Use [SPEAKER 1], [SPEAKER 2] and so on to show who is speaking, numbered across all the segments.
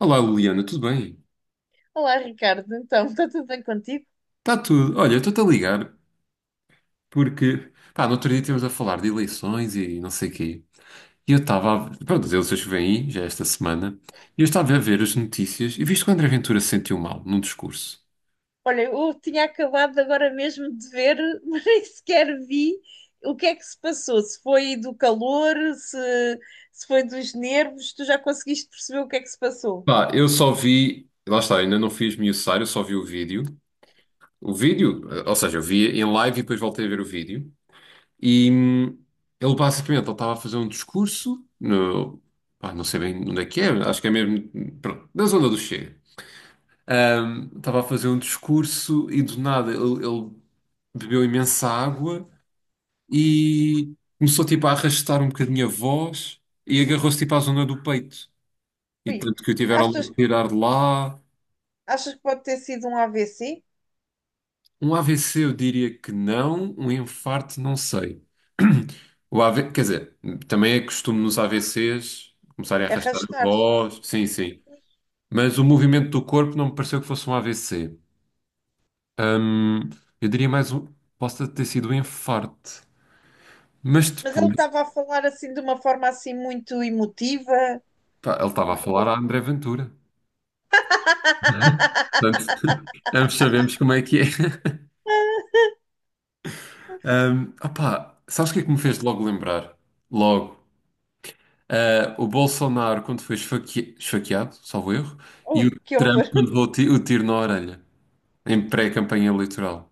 [SPEAKER 1] Olá, Liliana, tudo bem?
[SPEAKER 2] Olá, Ricardo. Então, está tudo bem contigo?
[SPEAKER 1] Está tudo. Olha, eu estou-te a ligar porque, pá, no outro dia estivemos a falar de eleições e não sei quê. E eu estava a... Pronto, as eleições que vêm aí, já é esta semana, e eu estava a ver as notícias e viste que o André Ventura se sentiu mal num discurso.
[SPEAKER 2] Olha, eu tinha acabado agora mesmo de ver, mas nem sequer vi o que é que se passou. Se foi do calor, se foi dos nervos, tu já conseguiste perceber o que é que se passou?
[SPEAKER 1] Pá, eu só vi... Lá está, ainda não fiz miuçar, eu só vi o vídeo. O vídeo, ou seja, eu vi em live e depois voltei a ver o vídeo. E hum, Ele basicamente, ele estava a fazer um discurso no... Pá, não sei bem onde é que é, acho que é mesmo, pronto, na zona do Chega. Estava a fazer um discurso e do nada ele bebeu imensa água e começou tipo a arrastar um bocadinho a voz e agarrou-se tipo à zona do peito. E
[SPEAKER 2] Ui,
[SPEAKER 1] tanto que o tiveram
[SPEAKER 2] achas,
[SPEAKER 1] de tirar de lá.
[SPEAKER 2] achas que pode ter sido um AVC?
[SPEAKER 1] Um AVC eu diria que não, um infarto não sei. O AV, quer dizer, também é costume nos AVCs começarem a arrastar a
[SPEAKER 2] Arrastar-se.
[SPEAKER 1] voz, sim, sim. Mas o movimento do corpo não me pareceu que fosse um AVC. Ahm, eu diria mais um, possa ter sido um infarto. Mas
[SPEAKER 2] Mas ele
[SPEAKER 1] depois,
[SPEAKER 2] estava a falar assim de uma forma assim muito emotiva.
[SPEAKER 1] pá, ele
[SPEAKER 2] O
[SPEAKER 1] estava a
[SPEAKER 2] que-
[SPEAKER 1] falar a André Ventura. Portanto, ambos sabemos como é que é. Opá, sabes o que é que me fez logo lembrar? Logo. Ah, o Bolsonaro quando foi esfaque... esfaqueado, salvo erro, e o
[SPEAKER 2] Ui, que
[SPEAKER 1] Trump
[SPEAKER 2] horror.
[SPEAKER 1] quando levou o o tiro na orelha, em pré-campanha eleitoral.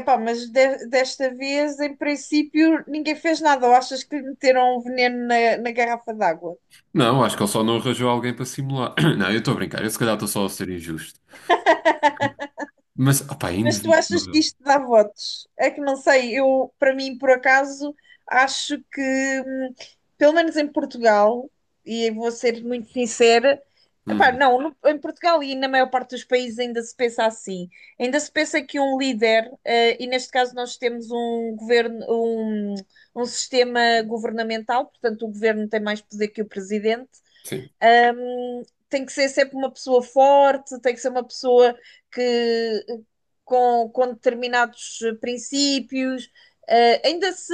[SPEAKER 2] Epá, mas desta vez, em princípio, ninguém fez nada. Ou achas que lhe meteram um veneno na garrafa d'água?
[SPEAKER 1] Não, acho que ele só não arranjou alguém para simular. Não, eu estou a brincar, eu se calhar estou só a ser injusto. Mas, opá, é
[SPEAKER 2] Mas tu achas que
[SPEAKER 1] inevitável.
[SPEAKER 2] isto dá votos? É que não sei, eu, para mim, por acaso, acho que, pelo menos em Portugal, e eu vou ser muito sincera, epá,
[SPEAKER 1] Uhum.
[SPEAKER 2] não, em Portugal e na maior parte dos países ainda se pensa assim. Ainda se pensa que um líder, e neste caso nós temos um governo, um sistema governamental, portanto o governo tem mais poder que o presidente.
[SPEAKER 1] Sim,
[SPEAKER 2] Hum, Tem que ser sempre uma pessoa forte, tem que ser uma pessoa que com determinados princípios. Ainda se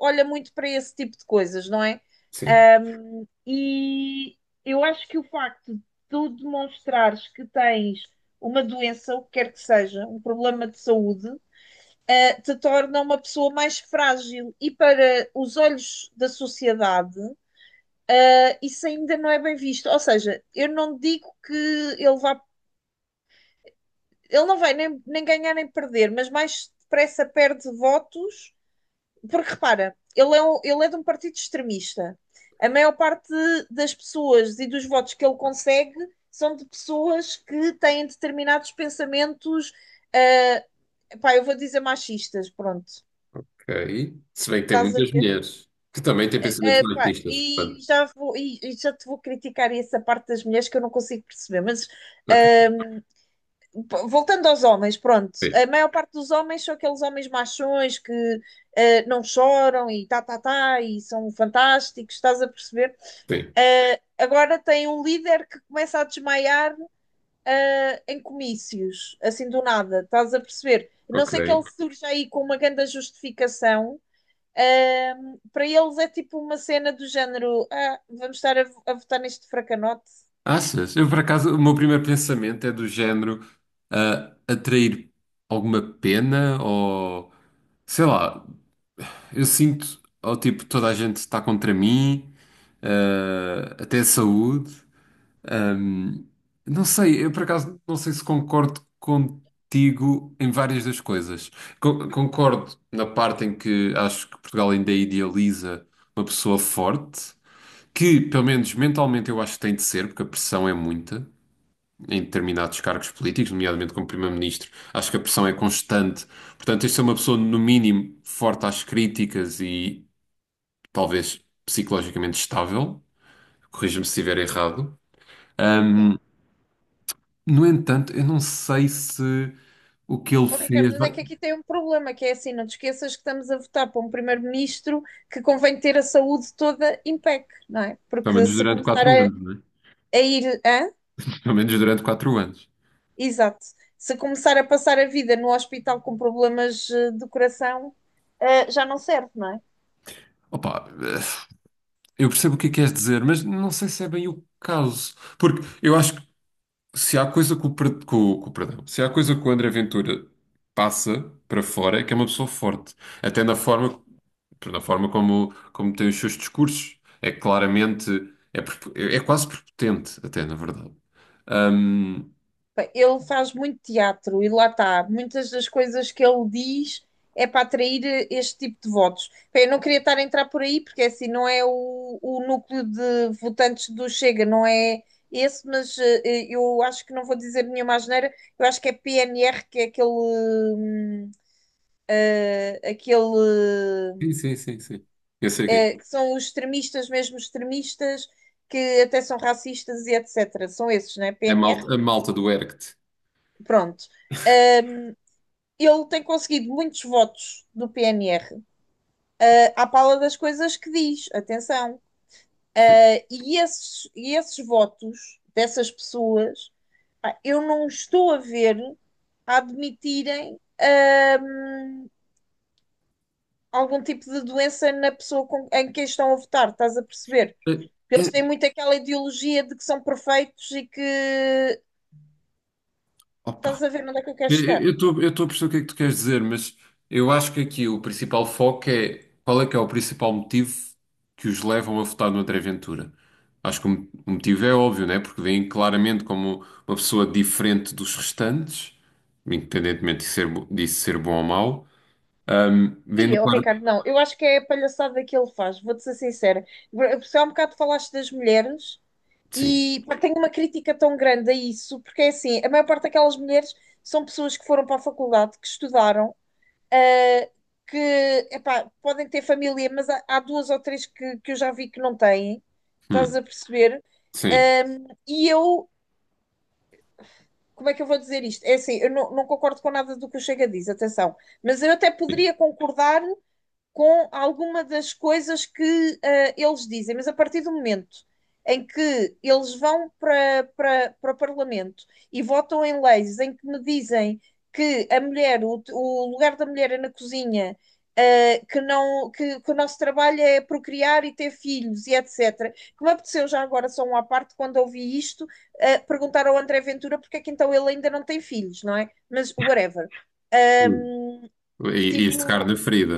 [SPEAKER 2] olha muito para esse tipo de coisas, não é?
[SPEAKER 1] sim.
[SPEAKER 2] Ahm, e eu acho que o facto de tu demonstrares que tens uma doença, o que quer que seja, um problema de saúde, te torna uma pessoa mais frágil. E para os olhos da sociedade, isso ainda não é bem visto. Ou seja, eu não digo que ele vá. Ele não vai nem, ganhar nem perder, mas mais depressa perde votos, porque repara, ele é de um partido extremista. A maior parte das pessoas e dos votos que ele consegue são de pessoas que têm determinados pensamentos, ah, pá, eu vou dizer machistas, pronto.
[SPEAKER 1] Ok. Se bem que tem
[SPEAKER 2] Estás a
[SPEAKER 1] muitas
[SPEAKER 2] ver?
[SPEAKER 1] mulheres que também têm pensamentos
[SPEAKER 2] Pá,
[SPEAKER 1] machistas,
[SPEAKER 2] e
[SPEAKER 1] portanto.
[SPEAKER 2] já vou, e já te vou criticar essa parte das mulheres que eu não consigo perceber, mas
[SPEAKER 1] Ok,
[SPEAKER 2] ah, voltando aos homens, pronto,
[SPEAKER 1] sim,
[SPEAKER 2] a maior parte dos homens são aqueles homens machões que não choram e tá, tá, tá, e são fantásticos, estás a perceber?
[SPEAKER 1] sim,
[SPEAKER 2] Agora tem um líder que começa a desmaiar em comícios, assim do nada, estás a perceber? A não
[SPEAKER 1] ok.
[SPEAKER 2] ser que ele surja aí com uma grande justificação. Para eles é tipo uma cena do género: ah, vamos estar a votar neste fracanote.
[SPEAKER 1] Achas? Eu, por acaso, o meu primeiro pensamento é do género ah, atrair alguma pena ou sei lá, eu sinto ou tipo toda a gente está contra mim, ah, até a saúde. Ahm, não sei, eu por acaso não sei se concordo contigo em várias das coisas. Concordo na parte em que acho que Portugal ainda idealiza uma pessoa forte. Que, pelo menos mentalmente, eu acho que tem de ser, porque a pressão é muita em determinados cargos políticos, nomeadamente como primeiro-ministro. Acho que a pressão é constante. Portanto, este é uma pessoa, no mínimo, forte às críticas e talvez psicologicamente estável. Corrija-me se estiver errado.
[SPEAKER 2] Sim.
[SPEAKER 1] Ahm, no entanto, eu não sei se o que ele
[SPEAKER 2] Oh, Ricardo,
[SPEAKER 1] fez,
[SPEAKER 2] mas é que aqui tem um problema, que é assim, não te esqueças que estamos a votar para um primeiro-ministro que convém ter a saúde toda em PEC, não é?
[SPEAKER 1] pelo
[SPEAKER 2] Porque
[SPEAKER 1] menos
[SPEAKER 2] se
[SPEAKER 1] durante
[SPEAKER 2] começar
[SPEAKER 1] quatro anos, não é?
[SPEAKER 2] a ir, hã?
[SPEAKER 1] Pelo menos durante quatro anos.
[SPEAKER 2] Exato. Se começar a passar a vida no hospital com problemas do coração, já não serve, não é?
[SPEAKER 1] Opa, eu percebo o que é que queres dizer, mas não sei se é bem o caso. Porque eu acho se há coisa que o, per- que o- perdão, se há coisa que o André Ventura passa para fora é que é uma pessoa forte, até na forma como, como tem os seus discursos. É claramente, é, é quase prepotente, até na verdade. Ahm,
[SPEAKER 2] Pá, ele faz muito teatro e lá está. Muitas das coisas que ele diz é para atrair este tipo de votos. Pá, eu não queria estar a entrar por aí, porque é assim não é o núcleo de votantes do Chega, não é esse, mas eu acho que não vou dizer nenhuma asneira. Eu acho que é PNR, que é aquele.
[SPEAKER 1] sim,
[SPEAKER 2] Aquele.
[SPEAKER 1] sim, sim, sim. Eu sei que
[SPEAKER 2] Que são os extremistas, mesmo extremistas, que até são racistas e etc. São esses, né?
[SPEAKER 1] é. É
[SPEAKER 2] PNR.
[SPEAKER 1] malta, a malta do Erct.
[SPEAKER 2] Pronto. Ele tem conseguido muitos votos do PNR à pala das coisas que diz, atenção. E, esses, esses votos dessas pessoas, eu não estou a ver a admitirem algum tipo de doença na pessoa em quem estão a votar, estás a perceber?
[SPEAKER 1] É,
[SPEAKER 2] Eles
[SPEAKER 1] é-
[SPEAKER 2] têm muito aquela ideologia de que são perfeitos e que estás
[SPEAKER 1] Opa.
[SPEAKER 2] a ver onde é que eu quero chegar.
[SPEAKER 1] Eu estou a perceber o que é que tu queres dizer, mas eu acho que aqui o principal foco é qual é que é o principal motivo que os levam a votar no André Ventura. Acho que o o motivo é óbvio, né? Porque vem claramente como uma pessoa diferente dos restantes, independentemente de ser, disso ser bom ou mau.
[SPEAKER 2] E
[SPEAKER 1] Vendo
[SPEAKER 2] eu, Ricardo,
[SPEAKER 1] claro.
[SPEAKER 2] não, eu acho que é a palhaçada que ele faz, vou-te ser sincera. Só há um bocado falaste das mulheres
[SPEAKER 1] Sim.
[SPEAKER 2] e pá, tenho uma crítica tão grande a isso, porque é assim, a maior parte daquelas mulheres são pessoas que foram para a faculdade, que estudaram, ah, que epá, podem ter família, mas há duas ou três que eu já vi que não têm, estás
[SPEAKER 1] Hum,
[SPEAKER 2] a perceber?
[SPEAKER 1] sim.
[SPEAKER 2] E eu, como é que eu vou dizer isto? É assim, eu não, não concordo com nada do que o Chega diz, atenção, mas eu até
[SPEAKER 1] Sim.
[SPEAKER 2] poderia concordar com alguma das coisas que eles dizem, mas a partir do momento em que eles vão para o Parlamento e votam em leis em que me dizem que a mulher, o lugar da mulher é na cozinha, que, não, que o nosso trabalho é procriar e ter filhos e etc. Que me apeteceu já agora, só um à parte, quando ouvi isto, perguntar ao André Ventura porque é que então ele ainda não tem filhos, não é? Mas whatever.
[SPEAKER 1] Hum.
[SPEAKER 2] Um,
[SPEAKER 1] E este
[SPEAKER 2] Tipo,
[SPEAKER 1] carne ferida.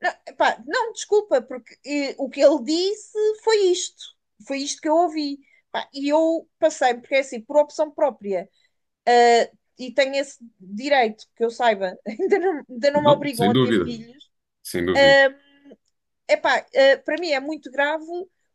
[SPEAKER 2] não, epá, não, desculpa, porque o que ele disse foi isto. Foi isto que eu ouvi. Pá, e eu passei, porque é assim, por opção própria. ah, e tenho esse direito, que eu saiba, ainda não me
[SPEAKER 1] Não,
[SPEAKER 2] obrigam
[SPEAKER 1] sem
[SPEAKER 2] a ter
[SPEAKER 1] dúvida,
[SPEAKER 2] filhos.
[SPEAKER 1] sem dúvida.
[SPEAKER 2] Ah, Epá, para mim é muito grave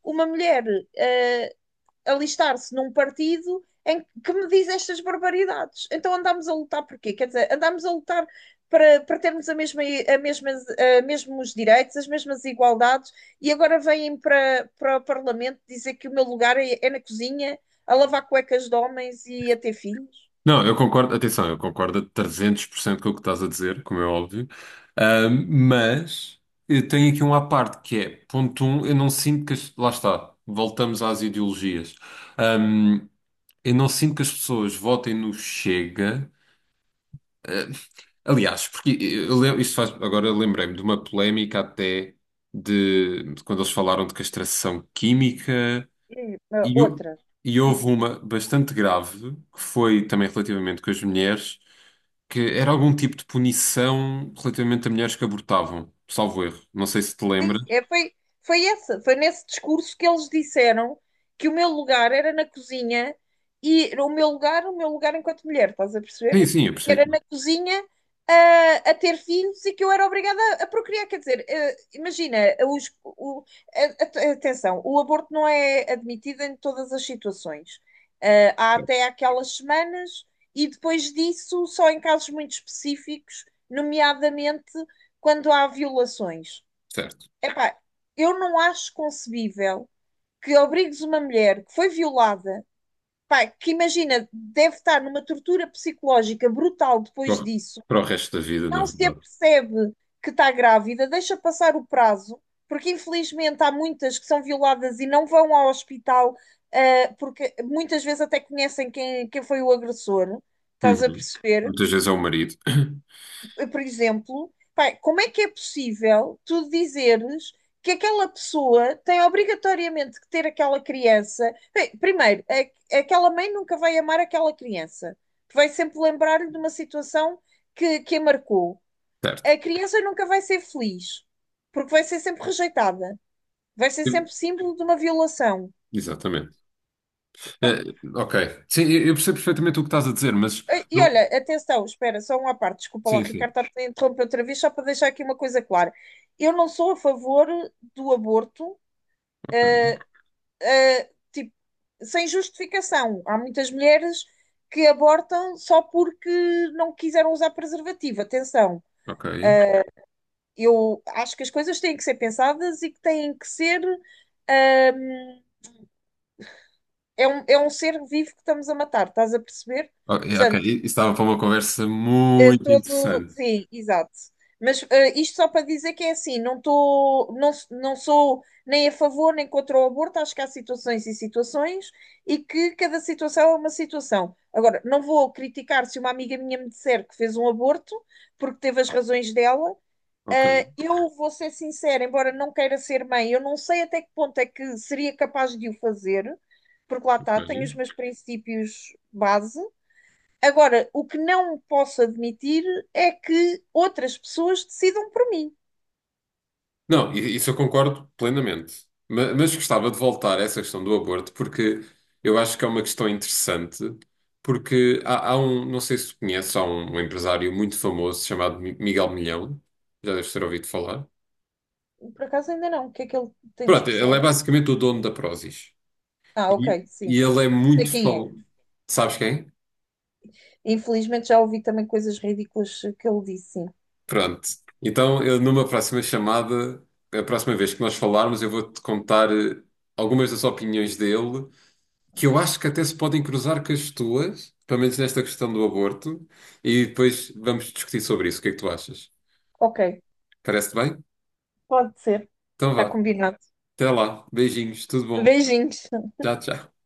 [SPEAKER 2] uma mulher ah, alistar-se num partido em que me diz estas barbaridades. Então andámos a lutar por quê? Quer dizer, andámos a lutar para termos a mesma, a mesmas, a mesmos direitos, as mesmas igualdades, e agora vêm para o Parlamento dizer que o meu lugar é na cozinha, a lavar cuecas de homens e a ter filhos.
[SPEAKER 1] Não, eu concordo, atenção, eu concordo a 300% com o que estás a dizer, como é óbvio. Mas eu tenho aqui um à parte que é, ponto um, eu não sinto que as, lá está, voltamos às ideologias. Ahm, eu não sinto que as pessoas votem no Chega. Ah, aliás, porque eu, isto faz, agora lembrei-me de uma polémica até de quando eles falaram de castração química
[SPEAKER 2] E
[SPEAKER 1] e,
[SPEAKER 2] outra,
[SPEAKER 1] e houve
[SPEAKER 2] enfim.
[SPEAKER 1] uma bastante grave, que foi também relativamente com as mulheres, que era algum tipo de punição relativamente a mulheres que abortavam, salvo erro. Não sei se te
[SPEAKER 2] Sim,
[SPEAKER 1] lembras.
[SPEAKER 2] é, foi essa, foi nesse discurso que eles disseram que o meu lugar era na cozinha e o meu lugar enquanto mulher, estás a perceber?
[SPEAKER 1] Sim, sim, eu
[SPEAKER 2] Que
[SPEAKER 1] percebi.
[SPEAKER 2] era na cozinha a ter filhos e que eu era obrigada a procriar. Quer dizer, imagina, os- o- atenção, o aborto não é admitido em todas as situações. Há
[SPEAKER 1] Que...
[SPEAKER 2] até aquelas semanas e depois disso só em casos muito específicos, nomeadamente quando há violações.
[SPEAKER 1] Certo.
[SPEAKER 2] Epá, eu não acho concebível que obrigues uma mulher que foi violada, pá, que imagina, deve estar numa tortura psicológica brutal
[SPEAKER 1] Para
[SPEAKER 2] depois
[SPEAKER 1] o
[SPEAKER 2] disso,
[SPEAKER 1] para o resto da vida, na
[SPEAKER 2] não se
[SPEAKER 1] verdade.
[SPEAKER 2] apercebe que está grávida, deixa passar o prazo, porque infelizmente há muitas que são violadas e não vão ao hospital, porque muitas vezes até conhecem quem foi o agressor, estás a
[SPEAKER 1] Uhum.
[SPEAKER 2] perceber?
[SPEAKER 1] Muitas vezes é o marido.
[SPEAKER 2] Por exemplo, pá, como é que é possível tu dizeres que aquela pessoa tem obrigatoriamente que ter aquela criança? Bem, primeiro, aquela mãe nunca vai amar aquela criança. Vai sempre lembrar-lhe de uma situação que a marcou.
[SPEAKER 1] Certo.
[SPEAKER 2] A criança nunca vai ser feliz, porque vai ser sempre rejeitada. Vai ser sempre símbolo de uma violação.
[SPEAKER 1] Exatamente. Ok. Sim, eu percebo perfeitamente o que estás a dizer, mas...
[SPEAKER 2] E olha,
[SPEAKER 1] eu...
[SPEAKER 2] atenção, espera, só uma parte, desculpa lá,
[SPEAKER 1] Sim,
[SPEAKER 2] Ricardo,
[SPEAKER 1] sim.
[SPEAKER 2] estar a interromper outra vez, só para deixar aqui uma coisa clara. Eu não sou a favor do aborto,
[SPEAKER 1] Ok.
[SPEAKER 2] tipo, sem justificação. Há muitas mulheres que abortam só porque não quiseram usar preservativo. Atenção,
[SPEAKER 1] Ok.
[SPEAKER 2] eu acho que as coisas têm que ser pensadas e que têm que ser. ahm, É um, ser vivo que estamos a matar, estás a perceber?
[SPEAKER 1] Ok.
[SPEAKER 2] Portanto,
[SPEAKER 1] Isso estava para uma conversa muito interessante.
[SPEAKER 2] sim, exato. Mas isto só para dizer que é assim, não estou não, não sou nem a favor nem contra o aborto, acho que há situações e situações e que cada situação é uma situação. Agora, não vou criticar se uma amiga minha me disser que fez um aborto, porque teve as razões dela.
[SPEAKER 1] Ok.
[SPEAKER 2] Eu vou ser sincera, embora não queira ser mãe, eu não sei até que ponto é que seria capaz de o fazer, porque lá está, tenho
[SPEAKER 1] Olha.
[SPEAKER 2] os meus princípios base. Agora, o que não posso admitir é que outras pessoas decidam por mim.
[SPEAKER 1] Não, isso eu concordo plenamente. Mas gostava de voltar a essa questão do aborto, porque eu acho que é uma questão interessante, porque há, há um, não sei se tu conheces, há um, um empresário muito famoso chamado Miguel Milhão, já deves ter ouvido falar.
[SPEAKER 2] Por acaso ainda não. O que é que ele tem de
[SPEAKER 1] Pronto, ele
[SPEAKER 2] especial?
[SPEAKER 1] é basicamente o dono da Prozis.
[SPEAKER 2] Ah, ok,
[SPEAKER 1] E,
[SPEAKER 2] sim.
[SPEAKER 1] e ele é
[SPEAKER 2] Sei
[SPEAKER 1] muito
[SPEAKER 2] quem é.
[SPEAKER 1] famoso. Sabes quem?
[SPEAKER 2] Infelizmente já ouvi também coisas ridículas que ele disse, sim.
[SPEAKER 1] Pronto. Então, eu, numa próxima chamada, a próxima vez que nós falarmos, eu vou-te contar algumas das opiniões dele que eu acho que até se podem cruzar com as tuas, pelo menos nesta questão do aborto, e depois vamos discutir sobre isso. O que é que tu achas?
[SPEAKER 2] Ok,
[SPEAKER 1] Parece-te bem?
[SPEAKER 2] pode ser.
[SPEAKER 1] Então
[SPEAKER 2] Está
[SPEAKER 1] vá.
[SPEAKER 2] combinado.
[SPEAKER 1] Até lá. Beijinhos. Tudo bom.
[SPEAKER 2] Beijinhos.
[SPEAKER 1] Tchau, tchau.